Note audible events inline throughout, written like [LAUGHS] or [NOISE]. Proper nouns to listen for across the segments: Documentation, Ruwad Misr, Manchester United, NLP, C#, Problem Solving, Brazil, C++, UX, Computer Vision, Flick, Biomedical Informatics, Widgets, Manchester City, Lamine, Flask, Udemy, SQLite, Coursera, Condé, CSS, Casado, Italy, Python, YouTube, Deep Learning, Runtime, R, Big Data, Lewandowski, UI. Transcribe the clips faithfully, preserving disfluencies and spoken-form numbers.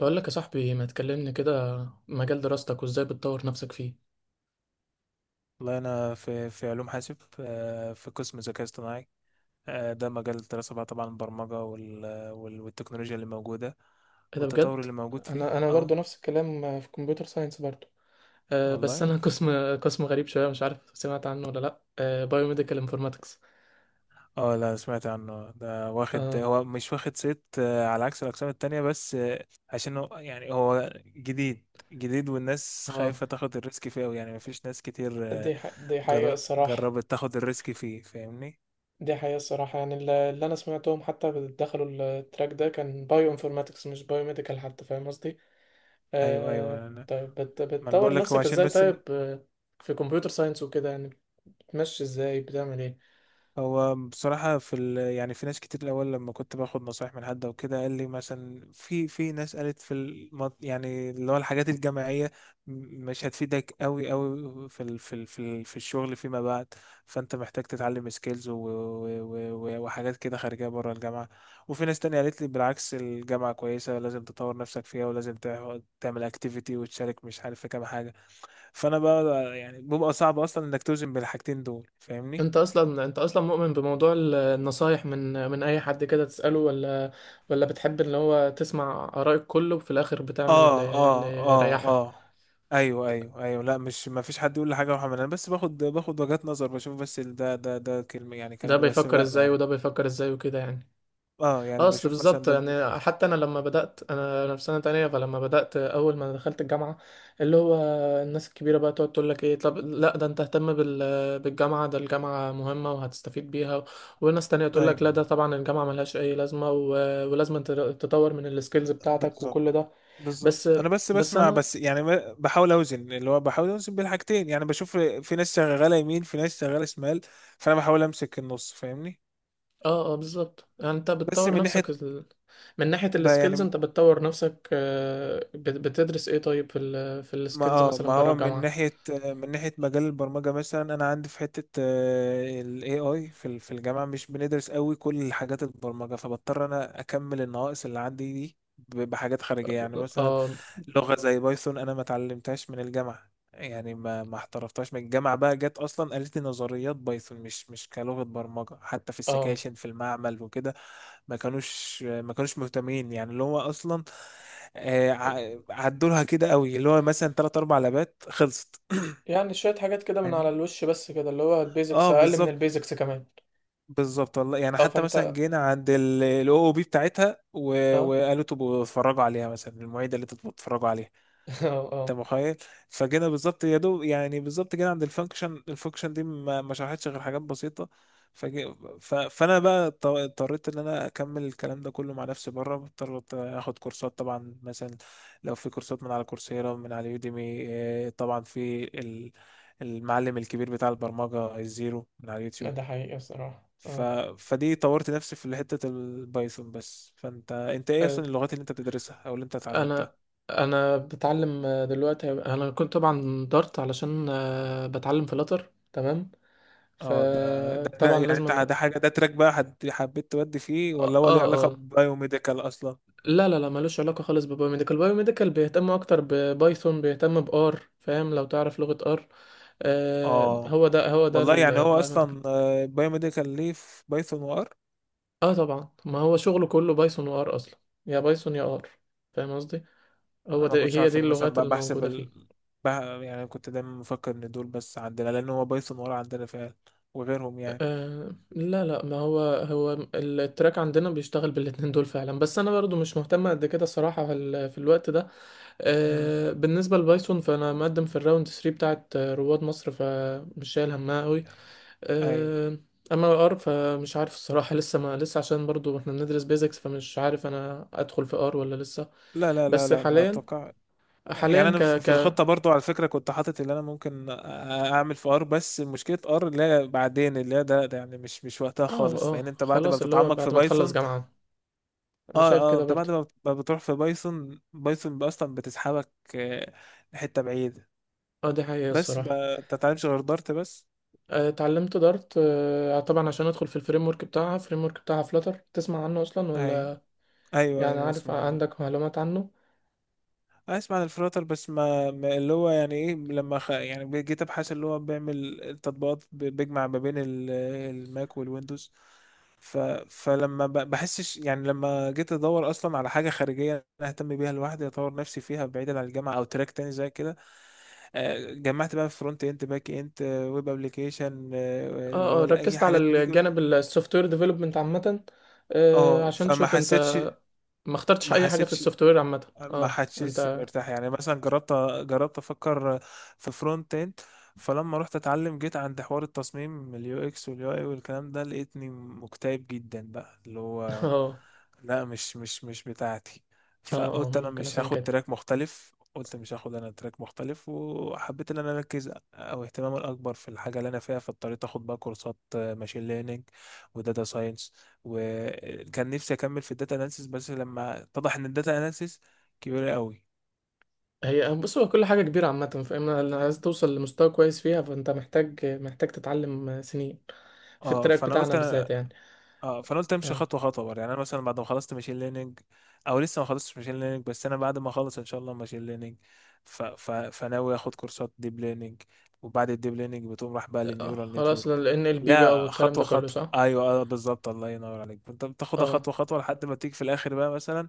بقول لك يا صاحبي ما تكلمني كده. مجال دراستك وازاي بتطور نفسك فيه؟ والله أنا في في علوم حاسب آه، في قسم ذكاء اصطناعي. آه، ده مجال الدراسة بقى طبعا البرمجة وال- وال- والتكنولوجيا اللي موجودة ايه ده والتطور بجد. اللي موجود فيه. انا انا برضو اه نفس الكلام، آه، في كمبيوتر ساينس برضو. أه بس والله. انا [LAUGHS] قسم قسم غريب شويه، مش عارف سمعت عنه ولا لا، أه، بايوميديكال انفورماتكس. اه لا سمعت عنه ده واخد، اه هو مش واخد صيت آه، على عكس الأقسام التانية، بس آه، عشان هو يعني هو جديد جديد، والناس اه. خايفة تاخد الريسك فيه أوي، يعني مفيش ناس كتير، آه، دي ح... دي حقيقة جر- الصراحة. جربت تاخد الريسك فيه، فاهمني؟ دي حقيقة الصراحة، يعني الل- اللي أنا سمعتهم حتى دخلوا التراك ده كان بايو انفورماتكس مش بايو ميديكال، حتى فاهم قصدي؟ ايوه آه... ايوه. انا، طيب بت... ما انا بقول بتطور لك هو نفسك عشان ازاي بس. طيب؟ آه، في كمبيوتر ساينس وكده، يعني بتمشي ازاي، بتعمل ايه؟ هو بصراحة في ال... يعني في ناس كتير الأول لما كنت باخد نصايح من حد أو كده قال لي مثلا، في في ناس قالت، في الم... يعني اللي هو الحاجات الجماعية م- مش هتفيدك أوي أوي في ال... في ال... في, ال... في الشغل فيما بعد، فأنت محتاج تتعلم سكيلز و... و... و... و- وحاجات كده خارجية بره الجامعة. وفي ناس تانية قالت لي بالعكس، الجامعة كويسة، لازم تطور نفسك فيها، ولازم تع- تعمل أكتيفيتي وتشارك، مش عارف، في كام حاجة. فأنا بقى يعني بيبقى صعب أصلا إنك توزن بين الحاجتين دول، فاهمني؟ انت اصلا انت اصلا مؤمن بموضوع ال- النصايح من من اي حد كده تسأله، ولا ولا بتحب اللي هو تسمع آراء الكل وفي الاخر بتعمل اللي اه اللي اه اه يريحك؟ اه ايوه ايوه ايوه لا، مش ما فيش حد يقول لي حاجه يا محمد، انا بس باخد باخد وجهات نظر، بشوف بس، ال- ده ده ده كلمه يعني ده كلام مرسم بيفكر لا ما ازاي يعني. وده بيفكر ازاي وكده يعني. اه يعني اصل بشوف مثلا بالظبط ده بي- يعني. حتى انا لما بدات، انا انا في سنه تانية، فلما بدات اول ما دخلت الجامعه، اللي هو الناس الكبيره بقى تقعد تقول لك ايه، طب لا ده انت اهتم بال [HESITATION] بالجامعه، ده الجامعه مهمه وهتستفيد بيها. وناس تانية تقول اي لك لا ده طبعا الجامعه ملهاش اي لازمه، و... ولازم أنت تطور من السكيلز بتاعتك بالظبط وكل ده. بالظبط. بس انا بس بس بسمع انا بس، يعني ب- بحاول اوزن اللي هو بحاول اوزن بين الحاجتين، يعني بشوف في ناس شغاله يمين، في ناس شغاله شمال، فانا بحاول امسك النص، فاهمني؟ اه اه بالظبط. يعني انت بس بتطور من نفسك ناحيه، ال... من ناحيه ب- السكيلز، يعني انت بتطور نفسك، آه، بت- بتدرس ايه طيب في ال... في ما السكيلز اه ما مثلا بره هو من الجامعه؟ ناحية، من ناحية مجال البرمجة مثلا، أنا عندي في حتة، آه، ال إيه آي في ال- في الجامعة مش بندرس قوي كل حاجات البرمجة، فبضطر أنا أكمل النواقص اللي عندي دي ب- بحاجات خارجية، يعني مثلا اه لغة زي بايثون، أنا ما اتعلمتهاش من الجامعة، يعني ما ما احترفتهاش من الجامعة، بقى جت أصلا قالت لي نظريات بايثون، مش مش كلغة برمجة، حتى في اه. السكاشن في المعمل وكده ما كانوش ما كانوش مهتمين. يعني اللي هو اصلا آه، ع- عدولها كده قوي، اللي هو مثلا تلات اربع لبات خلصت. يعني شوية [CLEARS THROAT] حاجات كده من على فاهمني؟ الوش بس كده، اللي هو البيزكس اه أقل من بالظبط البيزكس كمان. بالظبط. والله يعني اه حتى فأنت مثلا اه جينا عند الاو او بي بتاعتها و- [LAUGHS] وقالوا تبقوا اتفرجوا عليها، مثلا المعيده اللي تبقوا اتفرجوا عليها، اه انت اه، متخيل؟ فجينا بالظبط يا دوب، يعني بالظبط جينا عند الفانكشن، الفانكشن دي ما ما شرحتش غير حاجات بسيطه. فجي ف... فانا بقى اضط- اضطريت ان انا اكمل الكلام ده كله مع نفسي بره، اضطريت اخد كورسات طبعا، مثلا لو في كورسات من على كورسيرا، من على يوديمي، آه، طبعا في ال- المعلم الكبير بتاع البرمجه الزيرو من على اليوتيوب. ده حقيقي بصراحة ف... اه. فدي طورت نفسي في حته البايثون بس. فانت انت ايه آه، اصلا اللغات اللي انت بتدرسها او اللي انت اتعلمتها؟ أنا أنا بتعلم، آه، دلوقتي أنا كنت طبعا دارت علشان، آه، بتعلم فلاتر تمام، اه ده ده ده- فطبعا يعني لازم انت أنا ده حاجه، ده تراك بقى حد- حبيت تودي فيه، اه ولا هو ليه اه علاقه آه. ببايوميديكال اصلا؟ لا لا لا ملوش علاقة خالص ببايوميديكال. بايوميديكال بيهتم أكتر ببايثون، بيهتم بآر، فاهم؟ لو تعرف لغة آر. آه، اه هو ده هو ده. والله، يعني هو اصلا، آه، بايوميديكال ليه في بايثون وار. اه طبعا ما هو شغله كله بايثون وار اصلا، يا بايثون يا ار، فاهم قصدي؟ هو انا ما ده كنتش هي عارف، دي انا مثلا اللغات ب- بحسب الموجودة ال... فيه. بح... يعني كنت دايما مفكر ان دول بس عندنا، لان هو بايثون وار عندنا فعلا، وغيرهم يعني. آه لا لا ما هو هو التراك عندنا بيشتغل بالاتنين دول فعلا، بس انا برضو مش مهتم قد كده الصراحة في, ال- في الوقت ده. امم آه بالنسبة لبايثون فانا مقدم في الراوند تلاتة بتاعت، آه، رواد مصر، فمش شايل همها قوي. ايوه. آه اما ار فمش عارف الصراحة [LAUGHS] لسه ما لسه، عشان برضو احنا بندرس بيزكس، فمش عارف انا ادخل في ار ولا لسه. لا لا لا بس لا ما حاليا اتوقع. حاليا يعني انا ك في ك في الخطه اه برضو على فكره كنت حاطط، اللي انا ممكن أ- اعمل في ار، بس مشكله ار اللي هي بعدين، اللي هي ده, ده يعني مش مش وقتها خالص، لان اه انت بعد ما خلاص، اللي هو بتتعمق في بعد ما تخلص بايثون. جامعة. انا اه شايف اه كده انت برضه. بعد ما بت- ما بتروح في بايثون، بايثون اصلا بتسحبك، آه، لحته بعيده. اه دي حقيقة بس ب- الصراحة. انت ما بتتعلمش غير دارت بس. آه، اتعلمت دارت، آه، طبعا عشان ادخل في الفريم ورك بتاعها. فريم ورك بتاعها فلاتر، تسمع عنه اصلا ايوه ولا؟ ايوه يعني ايوه عارف اسمع عنه. عندك معلومات عنه؟ اسمع عن الفلاتر بس، ما, ما اللي هو يعني ايه، لما خ... يعني جيت ابحث، اللي هو بيعمل التطبيقات، ب- بيجمع ما بين ال- الماك والويندوز. ف... فلما ب... بحسش، يعني لما جيت ادور اصلا على حاجه خارجيه انا اهتم بيها لوحدي، اطور نفسي فيها بعيدا عن الجامعه، او تراك تاني زي كده، آه، جمعت بقى فرونت اند، باك اند، ويب ابلكيشن، اللي اه اه هو اي ركزت على حاجات دي الجانب كلها. السوفت وير ديفلوبمنت عامة، آه، اه عشان فما تشوف حسيتش، انت. ما اخترتش ما اي حاجة في حسيتش السوفت وير عامة؟ ما اه حسيتش انت [LAUGHS] مرتاح. يعني مثلا جربت، جربت افكر في فرونت اند، فلما رحت اتعلم جيت عند حوار التصميم اليو اكس واليو اي والكلام ده، لقيتني مكتئب جدا بقى، اللي هو اه لا، مش مش مش بتاعتي، اه اه فقلت انا ممكن مش عشان هاخد كده. تراك مختلف، قلت مش هاخد انا تراك مختلف، وحبيت ان انا اركز، او اهتمامي الاكبر في الحاجه اللي انا فيها، فاضطريت اخد بقى كورسات ماشين ليرنينج وداتا ساينس. وكان نفسي اكمل في الداتا اناليسيس، بس لما اتضح ان الداتا اناليسيس كبيرة قوي، هي بص، هو كل حاجة كبيرة عامة، فاما لو عايز توصل لمستوى كويس فيها، فانت محتاج محتاج تتعلم سنين، في اه التراك فانا قلت بتاعنا انا، بالذات يعني. اه فانا قلت امشي اه خطوه خطوه بقى. يعني انا مثلا بعد ما خلصت ماشين ليرنينج، او لسه ما خلصتش ماشين ليرنينج، بس انا بعد ما اخلص ان شاء الله ماشين ليرنينج، ف... ف... فناوي اخد كورسات ديب ليرنينج، وبعد الديب ليرنينج بتقوم راح بقى آه، للنيورال خلاص نتورك. ال إن إل بي بقى لا والكلام ده خطوه كله خطوه، صح؟ ايوه اه بالظبط، الله ينور عليك، انت بتاخدها اه خطوه خطوه لحد ما تيجي في الاخر بقى، مثلا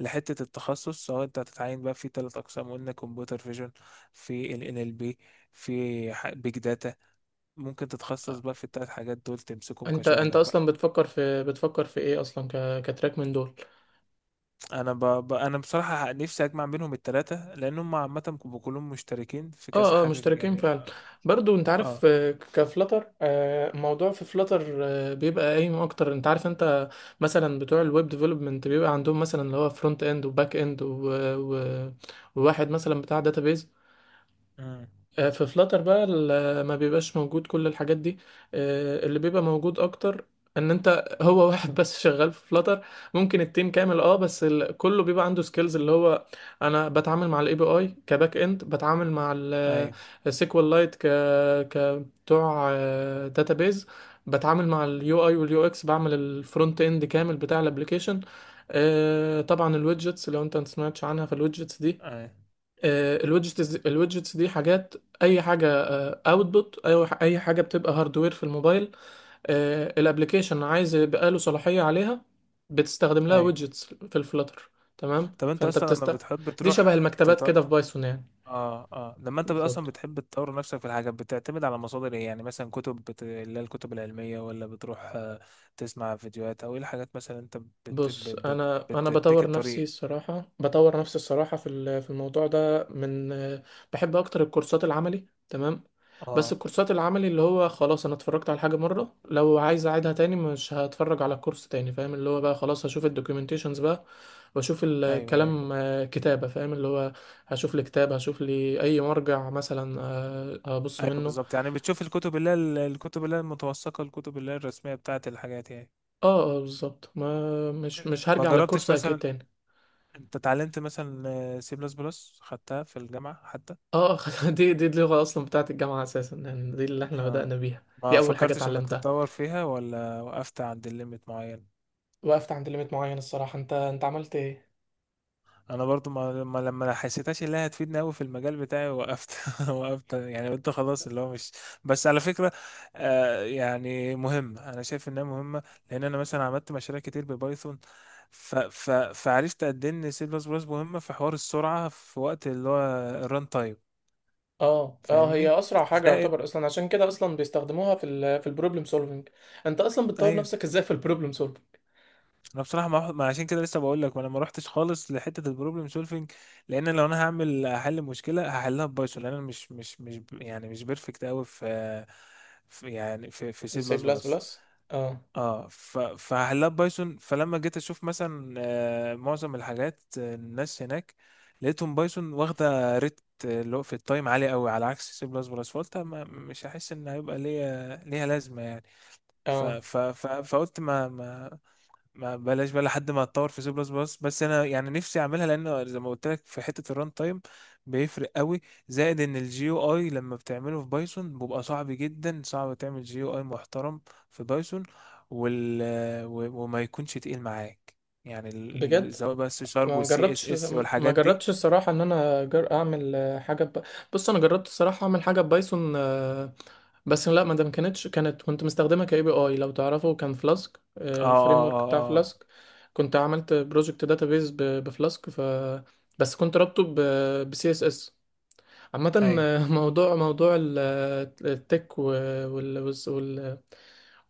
لحته التخصص، سواء انت هتتعين بقى في ثلاث اقسام قلنا، كمبيوتر فيجن، في ال ان ال بي، في بيج داتا، ممكن تتخصص بقى في التلات حاجات دول، تمسكهم انت انت كشغلك بقى. اصلا بتفكر في بتفكر في ايه اصلا ك... كتراك من دول؟ انا ب... ب... انا بصراحة نفسي اجمع بينهم التلاتة، لان هم عامة بيبقوا كلهم مشتركين في كذا اه اه حاجة مشتركين يعني. فعلا. برضو انت عارف، اه آه، كفلتر، آه، الموضوع في فلتر، آه، بيبقى قايم اكتر. انت عارف انت مثلا بتوع الويب ديفلوبمنت بيبقى عندهم مثلا اللي هو فرونت اند وباك اند و- و- وواحد مثلا بتاع داتابيز. امم آه، في فلاتر بقى ال- آه، ما بيبقاش موجود كل الحاجات دي. آه، اللي بيبقى موجود اكتر ان انت [LAUGHS] هو واحد بس شغال في فلاتر، ممكن التيم كامل اه بس ال... كله بيبقى عنده سكيلز اللي هو انا بتعامل مع الاي بي اي كباك اند، بتعامل مع ايوه السيكوال لايت ك ك بتوع داتابيز، بتعامل مع اليو اي واليو اكس، بعمل الفرونت اند كامل بتاع الابليكيشن. آه، طبعا الويدجتس لو انت ما سمعتش عنها، فالويدجتس، ايوه آه، الويدجتس الويدجتس دي حاجات، اي حاجه اوتبوت، اي اي حاجه بتبقى هاردوير في الموبايل، الابلكيشن عايز يبقى له صلاحيه عليها، بتستخدم لها ايوه ويدجتس في الفلاتر. تمام طب انت فانت اصلا لما بتست بتحب دي شبه تروح المكتبات تط... كده في بايثون يعني. اه اه لما انت اصلا بالظبط. بتحب تطور نفسك في الحاجة، بتعتمد على مصادر ايه؟ يعني مثلا كتب، بت... اللي هي الكتب العلمية، ولا بتروح آه، تسمع فيديوهات، او ايه الحاجات مثلا انت بت... بت... بص بت... انا انا بتديك بطور نفسي الطريق. الصراحه. بطور نفسي الصراحه في ال- في الموضوع ده من، بحب اكتر الكورسات العملي تمام. بس اه الكورسات العملي اللي هو خلاص انا اتفرجت على حاجه مره، لو عايز اعيدها تاني مش هتفرج على كورس تاني، فاهم؟ اللي هو بقى خلاص هشوف الدوكيومنتيشنز بقى واشوف ايوه ايوه الكلام، آه، كتابه فاهم، اللي هو هشوف لي كتاب، هشوف لي اي مرجع مثلا، آه، ابص ايوه منه. بالظبط، يعني بتشوف الكتب اللي هي ال- الكتب اللي هي المتوثقه، الكتب اللي هي الرسميه بتاعت الحاجات يعني. اه اه بالظبط، ما مش مش ما هرجع للكورس جربتش اكيد مثلا، تاني. انت اتعلمت مثلا سي بلس بلس، خدتها في الجامعه حتى؟ اه [LAUGHS] دي دي اللغة أصلا بتاعة الجامعة أساسا يعني، دي اللي احنا اه بدأنا بيها. دي ما أول حاجة فكرتش انك اتعلمتها. تتطور فيها ولا وقفت عند الليميت معين؟ وقفت عند ليميت معين الصراحة. انت انت عملت ايه؟ انا برضو ما ما- لما ما حسيتهاش اللي هي هتفيدني قوي في المجال بتاعي، وقفت [LAUGHS] وقفت، يعني قلت خلاص اللي هو مش، بس على فكره آه يعني مهمه، انا شايف انها مهمه، لان انا مثلا عملت مشاريع كتير ببايثون، ف ف فعرفت قد ايه ان سي بلس بلس مهمه في حوار السرعه، في وقت اللي هو الران تايم. اه اه فاهمني؟ هي أسرع حاجة زائد، يعتبر أصلا، عشان كده أصلا بيستخدموها في ال في البروبلم سولفينج. انت أصلا بتطور ايوه. نفسك ازاي في البروبلم سولفينج؟ انا بصراحه ما ما عشان كده لسه بقول لك، ما انا ما روحتش خالص لحته البروبلم سولفنج، لان لو انا هعمل احل مشكله هحلها ببايثون، لان انا مش مش مش ب- يعني مش بيرفكت قوي في، في يعني في في سي سي بلس بلس بلس. بلس اه اه ف- فهحلها ببايثون. فلما جيت اشوف مثلا، آه، معظم الحاجات، آه، الناس هناك لقيتهم بايثون واخده ريت، آه، اللي هو في التايم عالي قوي، على عكس سي بلس بلس، فقلت ما- مش هحس ان هيبقى ليا ليها لازمه يعني. ف اه ف ف فقلت ما ما ما بلاش بقى لحد ما اتطور في سي بلس بلس. بس انا يعني نفسي اعملها، لان زي ما قلت لك في حته الران تايم بيفرق قوي. زائد ان الجي او اي لما بتعمله في بايثون بيبقى صعب جدا، صعب تعمل جي او اي محترم في بايثون، وال و- وما يكونش تقيل معاك، يعني ال- ال- بجد؟ سواء بقى السي شارب ما والسي اس جربتش. اس ما والحاجات دي. جربتش الصراحة ان انا جر... اعمل آه، حاجة ب... بص انا جربت الصراحة اعمل حاجة ببايثون، آه، بس لا ما ده ما كانتش، كانت كنت مستخدمة كاي بي اي لو تعرفه، كان فلاسك اه الفريم اه ورك بتاع اه اه فلاسك. كنت عملت بروجكت داتابيز بفلاسك ف بس كنت رابطه ب سي اس اس عامة. ايوه. آه، [LAUGHS] موضوع موضوع ال- آه، التك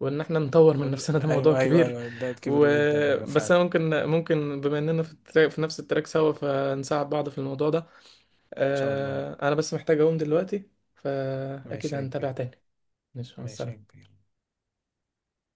وان احنا نطور من نفسنا وال- ده موضوع ايوه ايوه كبير. ايوه ده و... كبير جدا، ايوه بس فعلا. ان انا ممكن ممكن بما اننا في, التراك في نفس التراك سوا، فنساعد بعض في الموضوع ده. شاء الله. آه، انا بس محتاج اقوم دلوقتي، فاكيد ماشي يا هنتابع كبير. تاني. ماشي مع ماشي يا السلامة. كبير.